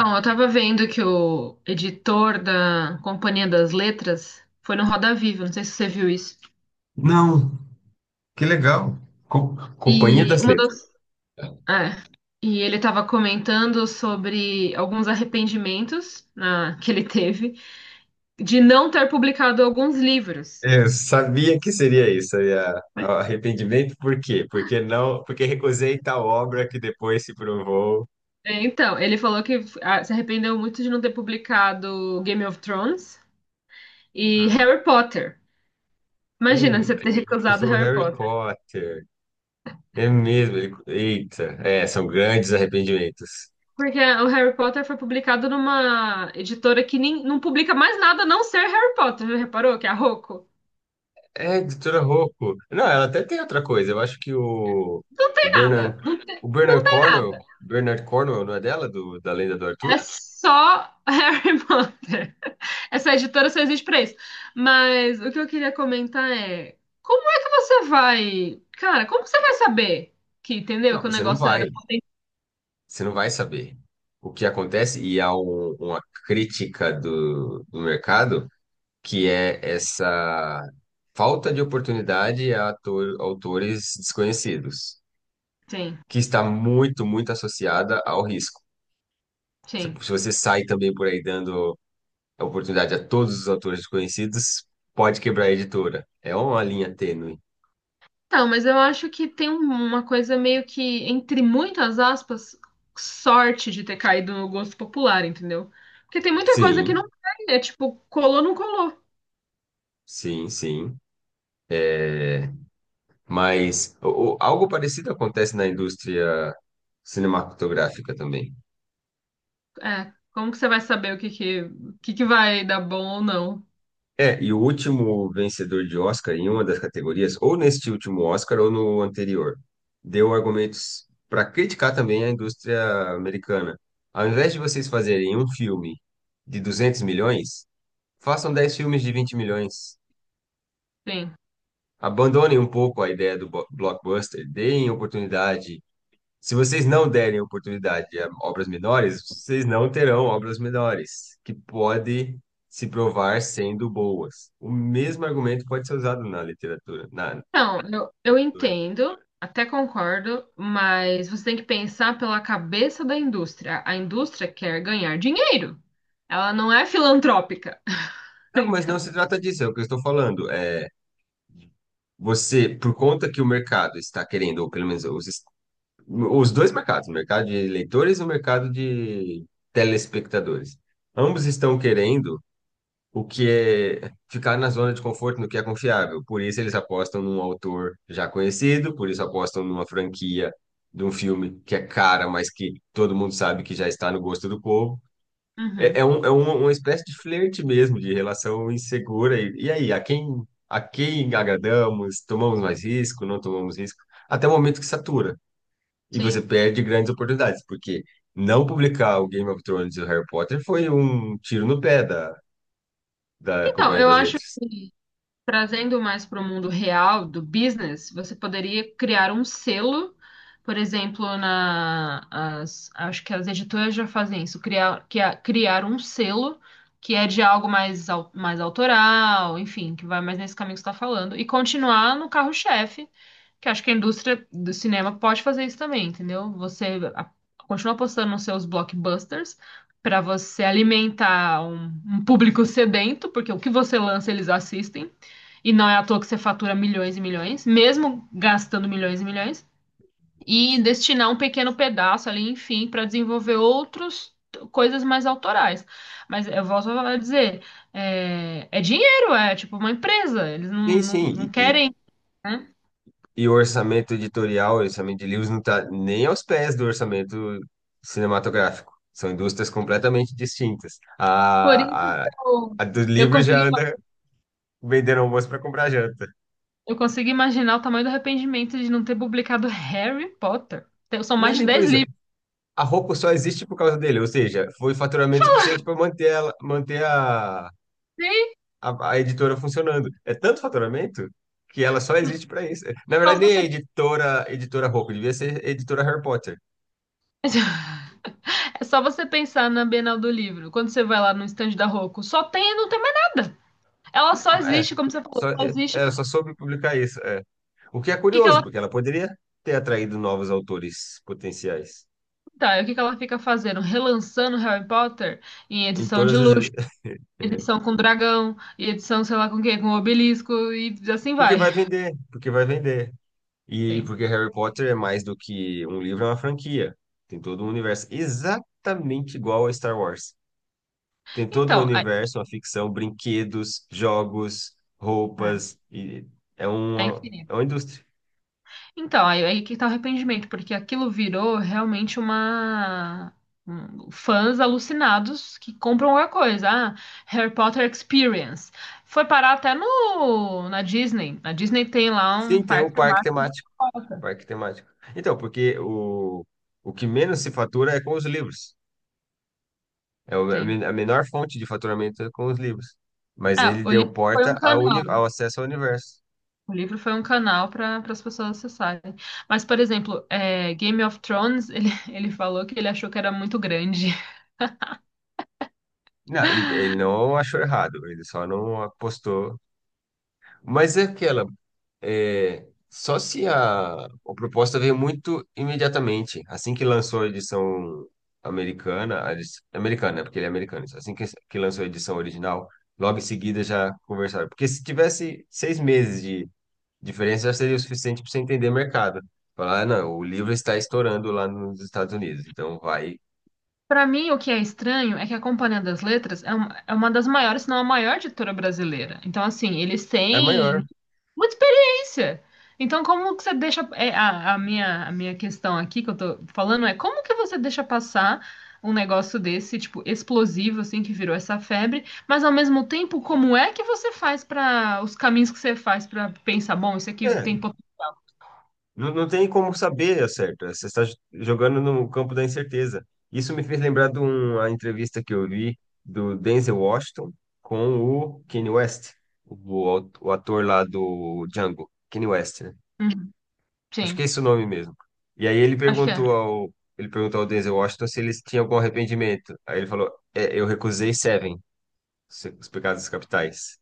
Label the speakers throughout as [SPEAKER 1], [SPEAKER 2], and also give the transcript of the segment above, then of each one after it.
[SPEAKER 1] Bom, eu tava vendo que o editor da Companhia das Letras foi no Roda Viva, não sei se você viu isso.
[SPEAKER 2] Não, que legal. Companhia
[SPEAKER 1] E
[SPEAKER 2] das
[SPEAKER 1] uma
[SPEAKER 2] Letras.
[SPEAKER 1] das, é, e ele tava comentando sobre alguns arrependimentos que ele teve de não ter publicado alguns livros.
[SPEAKER 2] Eu sabia que seria isso, seria arrependimento. Por quê? Porque não, porque recusei tal obra que depois se provou.
[SPEAKER 1] É, então, ele falou que se arrependeu muito de não ter publicado Game of Thrones e
[SPEAKER 2] Ah.
[SPEAKER 1] Harry Potter. Imagina você
[SPEAKER 2] Eita,
[SPEAKER 1] ter recusado
[SPEAKER 2] recusou
[SPEAKER 1] Harry
[SPEAKER 2] Harry
[SPEAKER 1] Potter.
[SPEAKER 2] Potter. É mesmo. Eita, é, são grandes arrependimentos.
[SPEAKER 1] Porque o Harry Potter foi publicado numa editora que nem, não publica mais nada a não ser Harry Potter. Já reparou que é a Rocco?
[SPEAKER 2] É, doutora Rocco. Não, ela até tem outra coisa. Eu acho que o,
[SPEAKER 1] Não
[SPEAKER 2] o
[SPEAKER 1] tem nada.
[SPEAKER 2] Bernard,
[SPEAKER 1] Não tem,
[SPEAKER 2] o
[SPEAKER 1] não
[SPEAKER 2] Bernard
[SPEAKER 1] tem
[SPEAKER 2] Cornwell,
[SPEAKER 1] nada.
[SPEAKER 2] Bernard Cornwell, não é dela, do, da Lenda do
[SPEAKER 1] É
[SPEAKER 2] Arthur?
[SPEAKER 1] só Harry Potter. Essa editora só existe pra isso. Mas o que eu queria comentar é: como é que você vai. Cara, como você vai saber que, entendeu?
[SPEAKER 2] Não,
[SPEAKER 1] Que o
[SPEAKER 2] você não
[SPEAKER 1] negócio
[SPEAKER 2] vai.
[SPEAKER 1] era.
[SPEAKER 2] Você não vai saber o que acontece, e há uma crítica do mercado que é essa falta de oportunidade a autores desconhecidos,
[SPEAKER 1] Sim,
[SPEAKER 2] que está muito, muito associada ao risco. Se,
[SPEAKER 1] sim.
[SPEAKER 2] se você sai também por aí dando a oportunidade a todos os autores desconhecidos, pode quebrar a editora. É uma linha tênue.
[SPEAKER 1] Então, mas eu acho que tem uma coisa meio que, entre muitas aspas, sorte de ter caído no gosto popular, entendeu? Porque tem muita coisa que
[SPEAKER 2] Sim,
[SPEAKER 1] não tem, é tipo, colou, não colou.
[SPEAKER 2] sim, sim. É, mas algo parecido acontece na indústria cinematográfica também.
[SPEAKER 1] É, como que você vai saber o que que vai dar bom ou não?
[SPEAKER 2] É, e o último vencedor de Oscar em uma das categorias, ou neste último Oscar ou no anterior, deu argumentos para criticar também a indústria americana. Ao invés de vocês fazerem um filme de 200 milhões, façam 10 filmes de 20 milhões.
[SPEAKER 1] Sim.
[SPEAKER 2] Abandonem um pouco a ideia do blockbuster, deem oportunidade. Se vocês não derem oportunidade a obras menores, vocês não terão obras menores, que pode se provar sendo boas. O mesmo argumento pode ser usado na literatura, na
[SPEAKER 1] Não, eu
[SPEAKER 2] leitura.
[SPEAKER 1] entendo, até concordo, mas você tem que pensar pela cabeça da indústria. A indústria quer ganhar dinheiro, ela não é filantrópica.
[SPEAKER 2] Não, mas não
[SPEAKER 1] Então.
[SPEAKER 2] se trata disso, é o que eu estou falando. É você, por conta que o mercado está querendo, ou pelo menos os dois mercados, o mercado de leitores e o mercado de telespectadores, ambos estão querendo o que é ficar na zona de conforto no que é confiável. Por isso eles apostam num autor já conhecido, por isso apostam numa franquia de um filme que é cara, mas que todo mundo sabe que já está no gosto do povo. É, é,
[SPEAKER 1] Uhum,
[SPEAKER 2] um, é uma, uma espécie de flerte mesmo, de relação insegura. E aí, a quem agradamos? Tomamos mais risco? Não tomamos risco? Até o momento que satura. E você
[SPEAKER 1] sim.
[SPEAKER 2] perde grandes oportunidades, porque não publicar o Game of Thrones e o Harry Potter foi um tiro no pé da
[SPEAKER 1] Então,
[SPEAKER 2] Companhia
[SPEAKER 1] eu
[SPEAKER 2] das
[SPEAKER 1] acho,
[SPEAKER 2] Letras.
[SPEAKER 1] trazendo mais para o mundo real do business, você poderia criar um selo, por exemplo, acho que as editoras já fazem isso, criar, criar um selo que é de algo mais, mais autoral, enfim, que vai mais nesse caminho que você está falando, e continuar no carro-chefe, que acho que a indústria do cinema pode fazer isso também, entendeu? Continua postando nos seus blockbusters para você alimentar um público sedento, porque o que você lança eles assistem. E não é à toa que você fatura milhões e milhões, mesmo gastando milhões e milhões, e destinar um pequeno pedaço ali, enfim, para desenvolver outros coisas mais autorais. Mas eu volto a dizer, é, é dinheiro, é tipo uma empresa, eles não,
[SPEAKER 2] Sim,
[SPEAKER 1] não, não
[SPEAKER 2] sim,
[SPEAKER 1] querem, né?
[SPEAKER 2] e o orçamento editorial, o orçamento de livros não está nem aos pés do orçamento cinematográfico. São indústrias completamente distintas.
[SPEAKER 1] Por isso que
[SPEAKER 2] A, a,
[SPEAKER 1] eu,
[SPEAKER 2] a do
[SPEAKER 1] eu
[SPEAKER 2] livro já
[SPEAKER 1] consegui,
[SPEAKER 2] anda vendendo almoço para comprar janta.
[SPEAKER 1] eu consegui imaginar o tamanho do arrependimento de não ter publicado Harry Potter. São
[SPEAKER 2] Não é
[SPEAKER 1] mais de
[SPEAKER 2] nem por
[SPEAKER 1] dez
[SPEAKER 2] isso.
[SPEAKER 1] livros.
[SPEAKER 2] A Roku só existe por causa dele, ou seja, foi faturamento suficiente para manter ela, manter a editora funcionando. É tanto faturamento que ela só existe para isso. Na
[SPEAKER 1] Só
[SPEAKER 2] verdade, nem
[SPEAKER 1] você.
[SPEAKER 2] é editora, editora Roku, devia ser editora Harry Potter.
[SPEAKER 1] É só você pensar na Bienal do Livro, quando você vai lá no estande da Rocco, só tem e não tem mais nada. Ela só
[SPEAKER 2] É,
[SPEAKER 1] existe, como você falou,
[SPEAKER 2] só,
[SPEAKER 1] só
[SPEAKER 2] é,
[SPEAKER 1] existe
[SPEAKER 2] é,
[SPEAKER 1] para o
[SPEAKER 2] só soube publicar isso. É. O que é
[SPEAKER 1] que que ela
[SPEAKER 2] curioso, porque ela poderia ter atraído novos autores potenciais.
[SPEAKER 1] tá, o que que ela fica fazendo, relançando Harry Potter em
[SPEAKER 2] Em
[SPEAKER 1] edição de
[SPEAKER 2] todas as.
[SPEAKER 1] luxo, edição com dragão, e edição sei lá com o quê, com obelisco e assim
[SPEAKER 2] Porque
[SPEAKER 1] vai.
[SPEAKER 2] vai vender, porque vai vender. E
[SPEAKER 1] Sim.
[SPEAKER 2] porque Harry Potter é mais do que um livro, é uma franquia. Tem todo um universo exatamente igual a Star Wars. Tem todo o
[SPEAKER 1] Então,
[SPEAKER 2] universo, uma ficção, brinquedos, jogos, roupas. E é
[SPEAKER 1] a
[SPEAKER 2] uma, é
[SPEAKER 1] infinita.
[SPEAKER 2] uma indústria.
[SPEAKER 1] Então, aí que tá o arrependimento, porque aquilo virou realmente uma. Fãs alucinados que compram qualquer coisa. Ah, Harry Potter Experience. Foi parar até no, na Disney. A Disney tem lá um
[SPEAKER 2] Sim, tem o
[SPEAKER 1] parque
[SPEAKER 2] parque temático.
[SPEAKER 1] temático.
[SPEAKER 2] Parque temático. Então, porque o que menos se fatura é com os livros. É
[SPEAKER 1] Sim.
[SPEAKER 2] a menor fonte de faturamento é com os livros. Mas
[SPEAKER 1] É,
[SPEAKER 2] ele
[SPEAKER 1] o livro
[SPEAKER 2] deu
[SPEAKER 1] foi um
[SPEAKER 2] porta ao, uni,
[SPEAKER 1] canal.
[SPEAKER 2] ao acesso ao universo.
[SPEAKER 1] O livro foi um canal para as pessoas acessarem. Mas, por exemplo, é, Game of Thrones, ele, ele falou que ele achou que era muito grande.
[SPEAKER 2] Não, e ele não achou errado, ele só não apostou. Mas é aquela. É, só se a proposta veio muito imediatamente. Assim que lançou a edição americana, né? Porque ele é americano. Isso. Assim que, lançou a edição original, logo em seguida já conversaram. Porque se tivesse 6 meses de diferença, já seria o suficiente para você entender o mercado. Falar, ah, não, o livro está estourando lá nos Estados Unidos, então vai.
[SPEAKER 1] Para mim, o que é estranho é que a Companhia das Letras é é uma das maiores, se não a maior editora brasileira. Então, assim, eles
[SPEAKER 2] É maior.
[SPEAKER 1] têm muita experiência. Então, como que você deixa. É, a minha questão aqui que eu tô falando é como que você deixa passar um negócio desse, tipo, explosivo, assim, que virou essa febre, mas ao mesmo tempo, como é que você faz para os caminhos que você faz para pensar, bom, isso aqui
[SPEAKER 2] É,
[SPEAKER 1] tem. Pot-
[SPEAKER 2] não, não tem como saber, ao certo? Você está jogando no campo da incerteza. Isso me fez lembrar de uma entrevista que eu vi do Denzel Washington com o Kanye West, o ator lá do Django, Kanye West, né?
[SPEAKER 1] Uhum,
[SPEAKER 2] Acho que
[SPEAKER 1] sim,
[SPEAKER 2] é esse o nome mesmo. E aí ele
[SPEAKER 1] acho que é.
[SPEAKER 2] perguntou ao, ele perguntou ao Denzel Washington se eles tinham algum arrependimento. Aí ele falou, "É, eu recusei Seven, Os Pecados Capitais.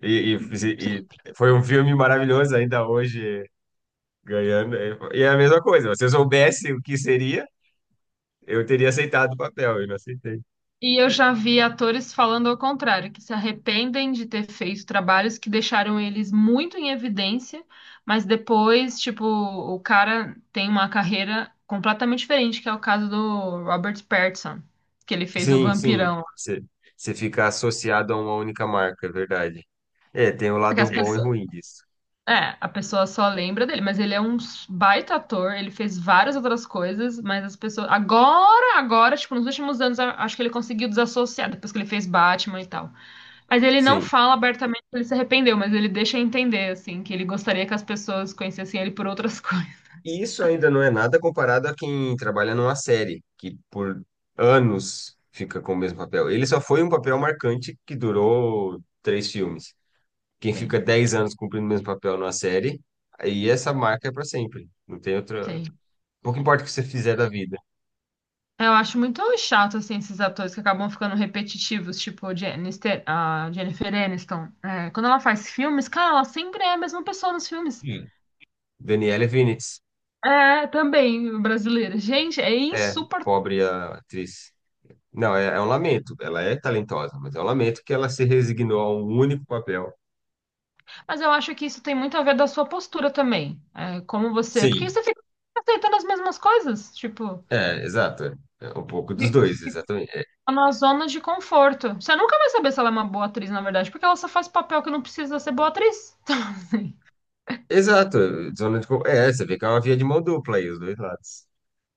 [SPEAKER 2] E foi um filme maravilhoso, ainda hoje ganhando. E é a mesma coisa. Se eu soubesse o que seria, eu teria aceitado o papel. Eu não aceitei.
[SPEAKER 1] E eu já vi atores falando ao contrário, que se arrependem de ter feito trabalhos que deixaram eles muito em evidência, mas depois, tipo, o cara tem uma carreira completamente diferente, que é o caso do Robert Pattinson, que ele fez o
[SPEAKER 2] Sim, sim.
[SPEAKER 1] Vampirão.
[SPEAKER 2] Você fica associado a uma única marca, é verdade. É, tem o
[SPEAKER 1] Porque
[SPEAKER 2] lado
[SPEAKER 1] as
[SPEAKER 2] bom e
[SPEAKER 1] pessoas,
[SPEAKER 2] ruim disso.
[SPEAKER 1] é, a pessoa só lembra dele, mas ele é um baita ator, ele fez várias outras coisas, mas as pessoas agora, agora, tipo, nos últimos anos, a- acho que ele conseguiu desassociar depois que ele fez Batman e tal. Mas ele não
[SPEAKER 2] Sim.
[SPEAKER 1] fala abertamente que ele se arrependeu, mas ele deixa entender, assim, que ele gostaria que as pessoas conhecessem ele por outras
[SPEAKER 2] E
[SPEAKER 1] coisas.
[SPEAKER 2] isso ainda não é nada comparado a quem trabalha numa série, que por anos fica com o mesmo papel. Ele só foi um papel marcante que durou três filmes. Quem fica
[SPEAKER 1] Sim,
[SPEAKER 2] 10 anos cumprindo o mesmo papel numa série, aí essa marca é para sempre. Não tem outra.
[SPEAKER 1] sim.
[SPEAKER 2] Pouco importa o que você fizer da vida.
[SPEAKER 1] Eu acho muito chato, assim, esses atores que acabam ficando repetitivos, tipo Jennifer, a Jennifer Aniston. É, quando ela faz filmes, cara, ela sempre é a mesma pessoa nos filmes.
[SPEAKER 2] Hum. Daniela Vinitz.
[SPEAKER 1] É, também, brasileira. Gente, é
[SPEAKER 2] É,
[SPEAKER 1] insuportável.
[SPEAKER 2] pobre a atriz. Não, é um lamento. Ela é talentosa, mas é um lamento que ela se resignou a um único papel.
[SPEAKER 1] Mas eu acho que isso tem muito a ver da sua postura também. É, como você. Porque
[SPEAKER 2] Sim.
[SPEAKER 1] você fica aceitando as mesmas coisas, tipo.
[SPEAKER 2] É, exato. É um pouco dos dois, exatamente. É,
[SPEAKER 1] Tá na zona de conforto. Você nunca vai saber se ela é uma boa atriz, na verdade, porque ela só faz papel que não precisa ser boa atriz. Então, assim,
[SPEAKER 2] exato. Zona de con-. É, você vê que é uma via de mão dupla aí, os dois lados.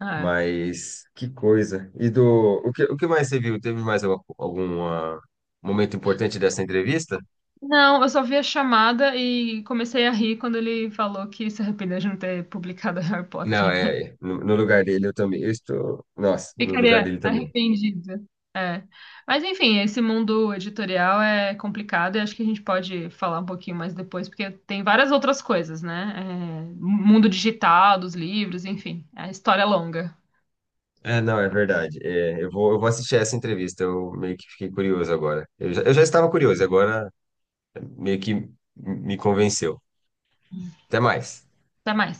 [SPEAKER 1] é.
[SPEAKER 2] Mas que coisa. E do. O que mais você viu? Teve mais algum momento importante dessa entrevista?
[SPEAKER 1] Não, eu só vi a chamada e comecei a rir quando ele falou que se arrependeu de não ter publicado Harry Potter.
[SPEAKER 2] Não, é. No lugar dele eu também. Eu estou. Nossa, no lugar
[SPEAKER 1] Ficaria
[SPEAKER 2] dele também.
[SPEAKER 1] arrependida. É. Mas enfim, esse mundo editorial é complicado e acho que a gente pode falar um pouquinho mais depois, porque tem várias outras coisas, né? É, mundo digital, dos livros, enfim, é a história é longa.
[SPEAKER 2] É, não, é verdade. É, eu vou assistir essa entrevista. Eu meio que fiquei curioso agora. Eu já estava curioso, agora meio que me convenceu. Até mais.
[SPEAKER 1] Até mais.